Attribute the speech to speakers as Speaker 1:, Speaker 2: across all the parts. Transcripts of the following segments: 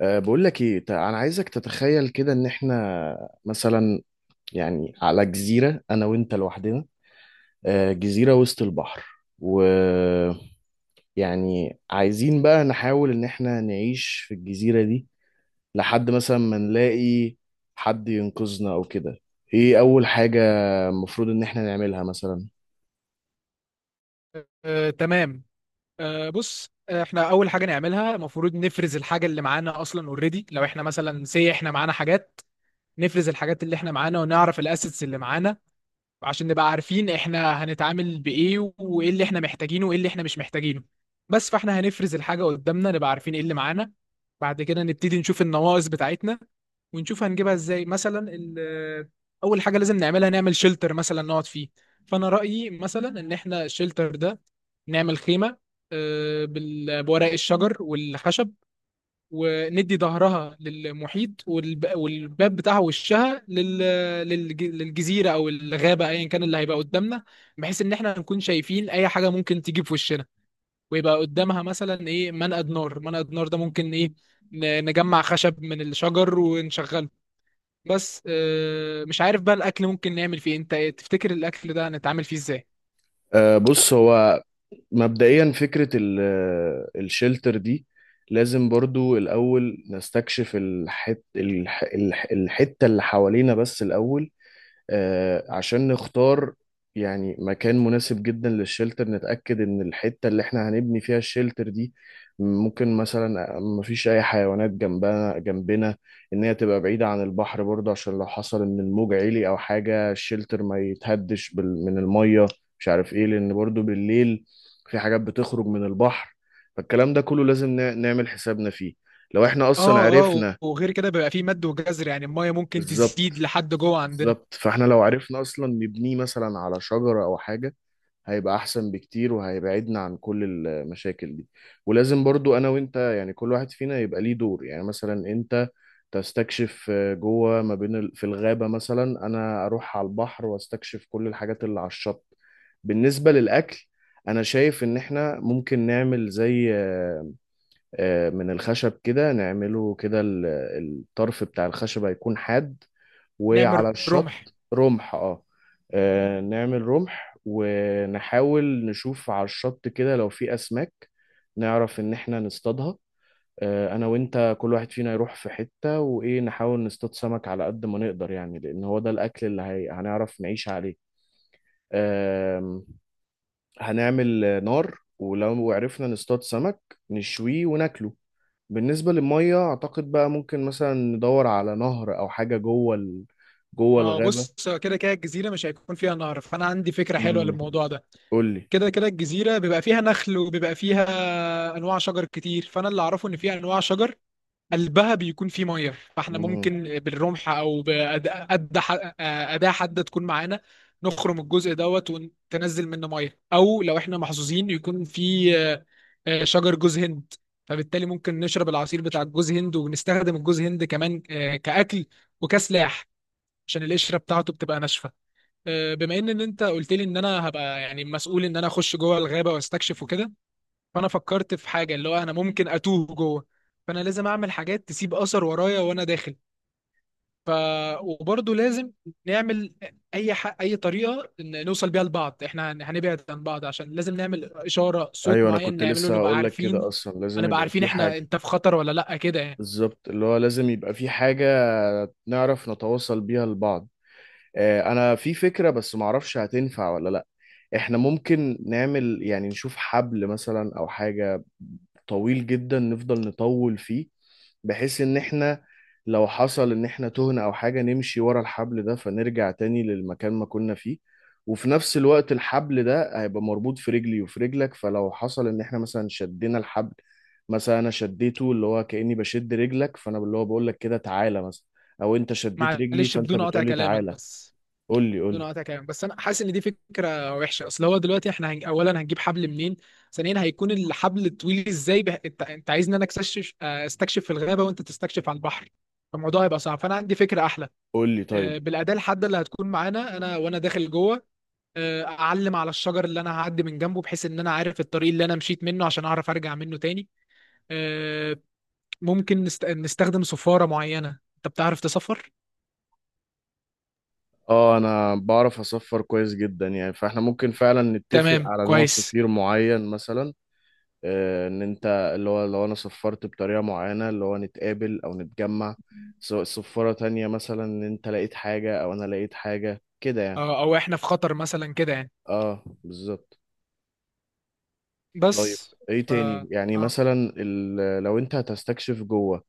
Speaker 1: بقول لك ايه، انا عايزك تتخيل كده ان احنا مثلا يعني على جزيرة انا وانت لوحدنا. جزيرة وسط البحر. ويعني عايزين بقى نحاول ان احنا نعيش في الجزيرة دي لحد مثلا ما نلاقي حد ينقذنا او كده. ايه اول حاجة المفروض ان احنا نعملها مثلا؟
Speaker 2: تمام. آه، بص آه، احنا اول حاجه نعملها المفروض نفرز الحاجه اللي معانا اصلا اوريدي، لو احنا مثلا سي احنا معانا حاجات، نفرز الحاجات اللي احنا معانا ونعرف الاسيتس اللي معانا، عشان نبقى عارفين احنا هنتعامل بايه وايه اللي احنا محتاجينه وايه اللي احنا مش محتاجينه. بس فاحنا هنفرز الحاجه قدامنا نبقى عارفين ايه اللي معانا. بعد كده نبتدي نشوف النواقص بتاعتنا ونشوف هنجيبها ازاي. مثلا اول حاجه لازم نعملها نعمل شيلتر مثلا نقعد فيه. فانا رايي مثلا ان احنا الشيلتر ده نعمل خيمة، بورق الشجر والخشب، وندي ظهرها للمحيط والباب بتاعها وشها للجزيرة أو الغابة أيا كان اللي هيبقى قدامنا، بحيث إن إحنا نكون شايفين أي حاجة ممكن تيجي في وشنا. ويبقى قدامها مثلا إيه، منقد نار. منقد نار ده ممكن إيه، نجمع خشب من الشجر ونشغله. بس مش عارف بقى الأكل ممكن نعمل فيه إيه. أنت إيه تفتكر الأكل ده هنتعامل فيه إزاي؟
Speaker 1: بص، هو مبدئيا فكرة الشلتر دي لازم برضو الأول نستكشف الحتة اللي حوالينا بس الأول، عشان نختار يعني مكان مناسب جدا للشلتر. نتأكد إن الحتة اللي إحنا هنبني فيها الشلتر دي ممكن مثلا مفيش أي حيوانات جنبنا جنبنا. إن هي تبقى بعيدة عن البحر برضه عشان لو حصل إن الموج عالي أو حاجة الشلتر ما يتهدش من المية. مش عارف إيه لأن برضه بالليل في حاجات بتخرج من البحر، فالكلام ده كله لازم نعمل حسابنا فيه لو إحنا أصلا
Speaker 2: اه اه،
Speaker 1: عرفنا.
Speaker 2: وغير كده بيبقى فيه مد وجزر، يعني المايه ممكن
Speaker 1: بالظبط.
Speaker 2: تزيد لحد جوه عندنا.
Speaker 1: بالظبط، فاحنا لو عرفنا اصلا نبنيه مثلا على شجرة او حاجة هيبقى احسن بكتير وهيبعدنا عن كل المشاكل دي. ولازم برضو انا وانت يعني كل واحد فينا يبقى ليه دور، يعني مثلا انت تستكشف جوه ما بين في الغابة، مثلا انا اروح على البحر واستكشف كل الحاجات اللي على الشط. بالنسبة للاكل، انا شايف ان احنا ممكن نعمل زي من الخشب كده، نعمله كده الطرف بتاع الخشب هيكون حاد،
Speaker 2: نعمل
Speaker 1: وعلى
Speaker 2: رمح.
Speaker 1: الشط رمح. اه. نعمل رمح ونحاول نشوف على الشط كده لو في أسماك نعرف إن إحنا نصطادها. أنا وإنت كل واحد فينا يروح في حتة وإيه، نحاول نصطاد سمك على قد ما نقدر يعني، لأن هو ده الأكل اللي هنعرف نعيش عليه. آم، هنعمل نار ولو عرفنا نصطاد سمك نشويه وناكله. بالنسبة للمية، أعتقد بقى ممكن مثلا ندور على نهر أو حاجة جوه جوه
Speaker 2: ما هو
Speaker 1: الغابة.
Speaker 2: بص، كده كده الجزيره مش هيكون فيها نهر، فانا عندي فكره حلوه
Speaker 1: امم.
Speaker 2: للموضوع ده.
Speaker 1: قول لي.
Speaker 2: كده كده الجزيره بيبقى فيها نخل وبيبقى فيها انواع شجر كتير، فانا اللي اعرفه ان فيها انواع شجر قلبها بيكون فيه ميه، فاحنا
Speaker 1: امم.
Speaker 2: ممكن بالرمح او أداة حادة تكون معانا، نخرم الجزء دوت وننزل منه ميه. او لو احنا محظوظين يكون فيه شجر جوز هند، فبالتالي ممكن نشرب العصير بتاع الجوز هند ونستخدم الجوز هند كمان كأكل وكسلاح، عشان القشرة بتاعته بتبقى ناشفة. بما إن انت قلت لي ان انا هبقى يعني مسؤول ان انا اخش جوه الغابة واستكشف وكده، فانا فكرت في حاجه اللي هو انا ممكن اتوه جوه، فانا لازم اعمل حاجات تسيب اثر ورايا وانا داخل. ف وبرضه لازم نعمل اي طريقه إن نوصل بيها لبعض، احنا هنبعد عن بعض، عشان لازم نعمل اشاره صوت
Speaker 1: ايوه، انا
Speaker 2: معين
Speaker 1: كنت
Speaker 2: نعمله
Speaker 1: لسه
Speaker 2: نبقى
Speaker 1: هقول لك كده،
Speaker 2: عارفين،
Speaker 1: اصلا لازم
Speaker 2: هنبقى
Speaker 1: يبقى
Speaker 2: عارفين
Speaker 1: في
Speaker 2: احنا
Speaker 1: حاجه.
Speaker 2: انت في خطر ولا لا كده يعني.
Speaker 1: بالظبط، اللي هو لازم يبقى في حاجه نعرف نتواصل بيها لبعض. انا في فكره بس معرفش هتنفع ولا لا. احنا ممكن نعمل يعني نشوف حبل مثلا او حاجه طويل جدا نفضل نطول فيه، بحيث ان احنا لو حصل ان احنا تهنا او حاجة نمشي ورا الحبل ده فنرجع تاني للمكان ما كنا فيه. وفي نفس الوقت الحبل ده هيبقى مربوط في رجلي وفي رجلك، فلو حصل ان احنا مثلا شدينا الحبل، مثلا انا شديته اللي هو كأني بشد رجلك فانا اللي هو بقول لك كده تعالى مثلا، او انت شديت رجلي
Speaker 2: معلش
Speaker 1: فانت
Speaker 2: بدون قطع
Speaker 1: بتقول لي
Speaker 2: كلامك
Speaker 1: تعالى.
Speaker 2: بس،
Speaker 1: قول لي قول
Speaker 2: دون
Speaker 1: لي.
Speaker 2: قطع كلام بس، انا حاسس ان دي فكره وحشه، اصل هو دلوقتي احنا اولا هنجيب حبل منين، ثانيا هيكون الحبل طويل ازاي. بح... انت انت عايزني انا اكتشف استكشف في الغابه وانت تستكشف على البحر، فالموضوع هيبقى صعب. فانا عندي فكره احلى،
Speaker 1: قول لي طيب.
Speaker 2: بالاداه الحاده اللي هتكون معانا انا وانا داخل جوه، اعلم على الشجر اللي انا هعدي من جنبه بحيث ان انا عارف الطريق اللي انا مشيت منه عشان اعرف ارجع منه تاني. آه، ممكن نستخدم صفاره معينه، انت بتعرف تصفر.
Speaker 1: اه، انا بعرف اصفر كويس جدا يعني، فاحنا ممكن فعلا نتفق
Speaker 2: تمام
Speaker 1: على نوع
Speaker 2: كويس.
Speaker 1: صفير معين مثلا. ان انت اللي هو لو انا صفرت بطريقة معينة اللي هو نتقابل او نتجمع، سواء صفارة تانية مثلا ان انت لقيت حاجة او انا لقيت حاجة كده يعني.
Speaker 2: او احنا في خطر مثلا كده يعني.
Speaker 1: اه بالظبط. طيب.
Speaker 2: بس.
Speaker 1: ايه
Speaker 2: ف
Speaker 1: تاني يعني،
Speaker 2: اه،
Speaker 1: مثلا لو انت هتستكشف جوه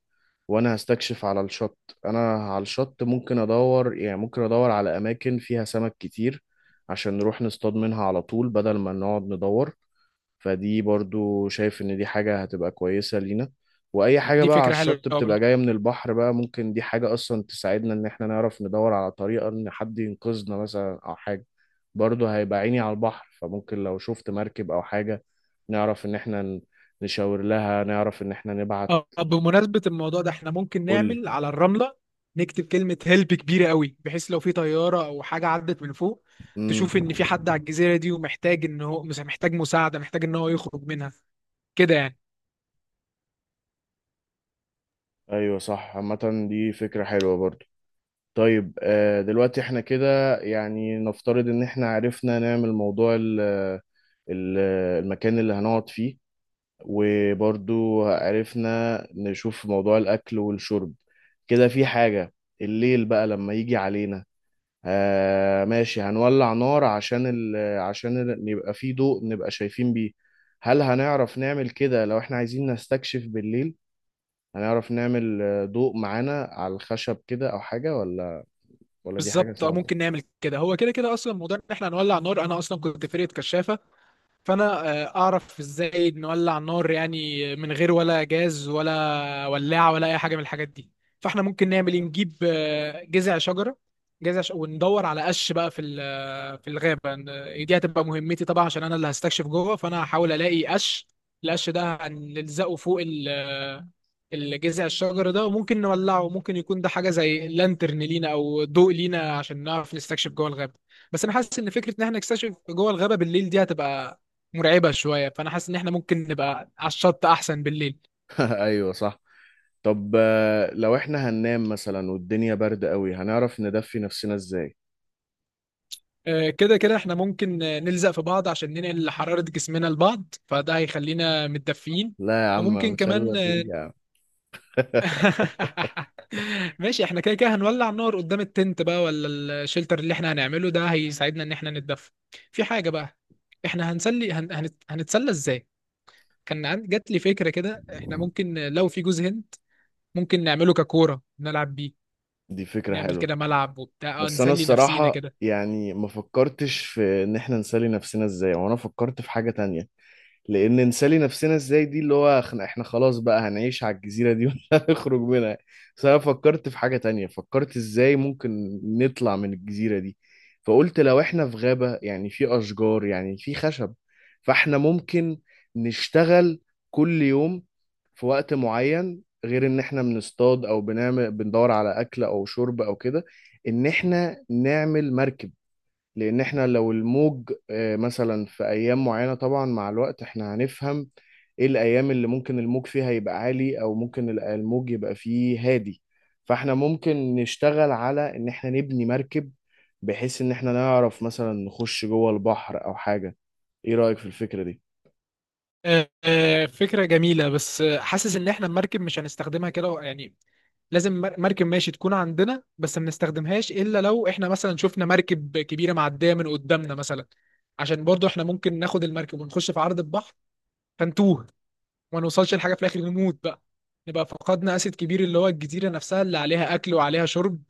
Speaker 1: وانا هستكشف على الشط. انا على الشط ممكن ادور، يعني ممكن ادور على اماكن فيها سمك كتير عشان نروح نصطاد منها على طول بدل ما نقعد ندور، فدي برضو شايف ان دي حاجة هتبقى كويسة لينا. واي حاجة
Speaker 2: دي
Speaker 1: بقى على
Speaker 2: فكرة حلوة
Speaker 1: الشط
Speaker 2: برضه.
Speaker 1: بتبقى جاية من البحر بقى، ممكن دي حاجة اصلا تساعدنا ان احنا نعرف ندور على طريقة ان حد ينقذنا مثلا او حاجة. برضو هيبقى عيني على البحر، فممكن لو شفت مركب او حاجة نعرف ان احنا نشاور لها، نعرف ان احنا نبعت.
Speaker 2: اه، بمناسبة الموضوع ده احنا ممكن
Speaker 1: قولي.
Speaker 2: نعمل على الرملة، نكتب كلمة هيلب كبيرة قوي، بحيث لو في طيارة او حاجة عدت من فوق
Speaker 1: امم.
Speaker 2: تشوف ان في حد على الجزيرة دي ومحتاج ان هو محتاج مساعدة، محتاج ان هو يخرج منها كده يعني.
Speaker 1: ايوه صح، عامة دي فكرة حلوة برضو. طيب، دلوقتي احنا كده يعني نفترض ان احنا عرفنا نعمل موضوع ال- المكان اللي هنقعد فيه، وبرضو عرفنا نشوف موضوع الاكل والشرب. كده في حاجة، الليل بقى لما يجي علينا. آه ماشي، هنولع نار عشان يبقى في ضوء نبقى شايفين بيه. هل هنعرف نعمل كده لو احنا عايزين نستكشف بالليل؟ هنعرف نعمل ضوء معانا على الخشب كده او حاجة، ولا دي حاجة
Speaker 2: بالظبط، اه
Speaker 1: صعبة؟
Speaker 2: ممكن نعمل كده. هو كده كده اصلا موضوع ان احنا هنولع نار، انا اصلا كنت فرقة كشافة، فانا اعرف ازاي نولع النار يعني من غير ولا جاز ولا ولاعه ولا اي حاجه من الحاجات دي. فاحنا ممكن نعمل ايه، نجيب جذع شجره، وندور على قش بقى في في الغابه. دي هتبقى مهمتي طبعا عشان انا اللي هستكشف جوه، فانا هحاول الاقي قش. القش ده هنلزقه فوق ال... آه، الجذع الشجر ده وممكن نولعه. ممكن يكون ده حاجه زي لانترن لينا او ضوء لينا عشان نعرف نستكشف جوه الغابه. بس انا حاسس ان فكره ان احنا نكتشف جوه الغابه بالليل دي هتبقى مرعبه شويه، فانا حاسس ان احنا ممكن نبقى على الشط احسن بالليل.
Speaker 1: ايوه صح. طب، لو احنا هننام مثلا والدنيا برد قوي هنعرف ندفي نفسنا ازاي؟
Speaker 2: كده كده احنا ممكن نلزق في بعض عشان ننقل حرارة جسمنا لبعض، فده هيخلينا متدفيين.
Speaker 1: لا يا عم،
Speaker 2: وممكن
Speaker 1: مش هلا
Speaker 2: كمان
Speaker 1: فيك يا عم.
Speaker 2: ماشي، احنا كده كده هنولع النار قدام التنت بقى، ولا الشلتر اللي احنا هنعمله ده هيساعدنا ان احنا نتدفى. في حاجة بقى، احنا هنتسلى ازاي. كان جات لي فكرة كده، احنا ممكن لو في جوز هند ممكن نعمله ككورة نلعب بيه،
Speaker 1: دي فكرة
Speaker 2: نعمل
Speaker 1: حلوة.
Speaker 2: كده ملعب وبتاع، اه
Speaker 1: بس انا
Speaker 2: نسلي نفسينا
Speaker 1: الصراحة
Speaker 2: كده.
Speaker 1: يعني ما فكرتش في ان احنا نسلي نفسنا ازاي، وانا فكرت في حاجة تانية. لان نسالي نفسنا ازاي دي اللي هو احنا خلاص بقى هنعيش على الجزيره دي ولا هنخرج منها. بس انا فكرت في حاجه تانية، فكرت ازاي ممكن نطلع من الجزيره دي. فقلت لو احنا في غابه يعني في اشجار يعني في خشب، فاحنا ممكن نشتغل كل يوم في وقت معين، غير ان احنا بنصطاد او بنعمل بندور على اكل او شرب او كده، ان احنا نعمل مركب. لان احنا لو الموج مثلا في ايام معينه، طبعا مع الوقت احنا هنفهم ايه الايام اللي ممكن الموج فيها يبقى عالي او ممكن الموج يبقى فيه هادي. فاحنا ممكن نشتغل على ان احنا نبني مركب، بحيث ان احنا نعرف مثلا نخش جوه البحر او حاجه. ايه رايك في الفكره دي؟
Speaker 2: فكرة جميلة، بس حاسس ان احنا المركب مش هنستخدمها كده يعني. لازم مركب ماشي تكون عندنا، بس ما بنستخدمهاش الا لو احنا مثلا شفنا مركب كبيرة معدية من قدامنا مثلا. عشان برضو احنا ممكن ناخد المركب ونخش في عرض البحر فنتوه وما نوصلش لحاجة في الاخر نموت بقى، نبقى فقدنا اسد كبير اللي هو الجزيرة نفسها اللي عليها اكل وعليها شرب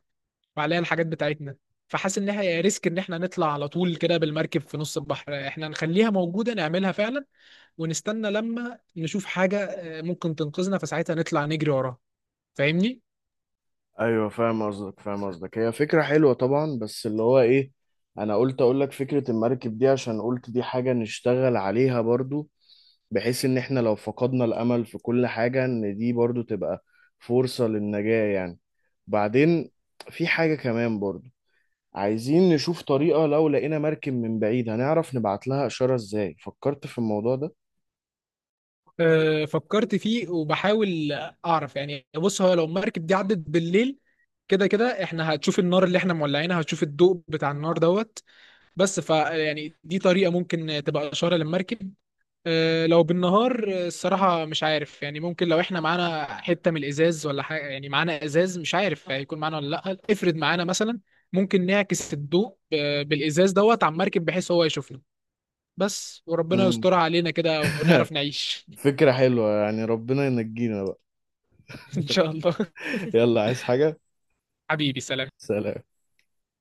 Speaker 2: وعليها الحاجات بتاعتنا. فحاسس ان هي ريسك ان احنا نطلع على طول كده بالمركب في نص البحر. احنا نخليها موجودة نعملها فعلا ونستنى لما نشوف حاجة ممكن تنقذنا فساعتها نطلع نجري وراها. فاهمني؟
Speaker 1: ايوه فاهم قصدك، فاهم قصدك. هي فكره حلوه طبعا، بس اللي هو ايه، انا قلت اقول لك فكره المركب دي عشان قلت دي حاجه نشتغل عليها برضو، بحيث ان احنا لو فقدنا الامل في كل حاجه ان دي برضو تبقى فرصه للنجاه يعني. بعدين في حاجه كمان برضو، عايزين نشوف طريقه لو لقينا مركب من بعيد هنعرف نبعت لها اشاره ازاي، فكرت في الموضوع ده؟
Speaker 2: فكرت فيه وبحاول أعرف يعني. بص، هو لو المركب دي عدت بالليل كده كده احنا هتشوف النار اللي احنا مولعينها، هتشوف الضوء بتاع النار دوت. بس ف يعني دي طريقة ممكن تبقى إشارة للمركب. لو بالنهار الصراحة مش عارف يعني. ممكن لو احنا معانا حتة من الإزاز ولا حاجة، يعني معانا إزاز، مش عارف هيكون معانا ولا لأ، افرض معانا مثلا، ممكن نعكس الضوء بالإزاز دوت على المركب بحيث هو يشوفنا. بس وربنا
Speaker 1: مم.
Speaker 2: يسترها علينا كده ونعرف نعيش.
Speaker 1: فكره حلوه يعني، ربنا ينجينا بقى.
Speaker 2: إن شاء الله.
Speaker 1: يلا، عايز حاجه؟
Speaker 2: حبيبي سلام.
Speaker 1: سلام.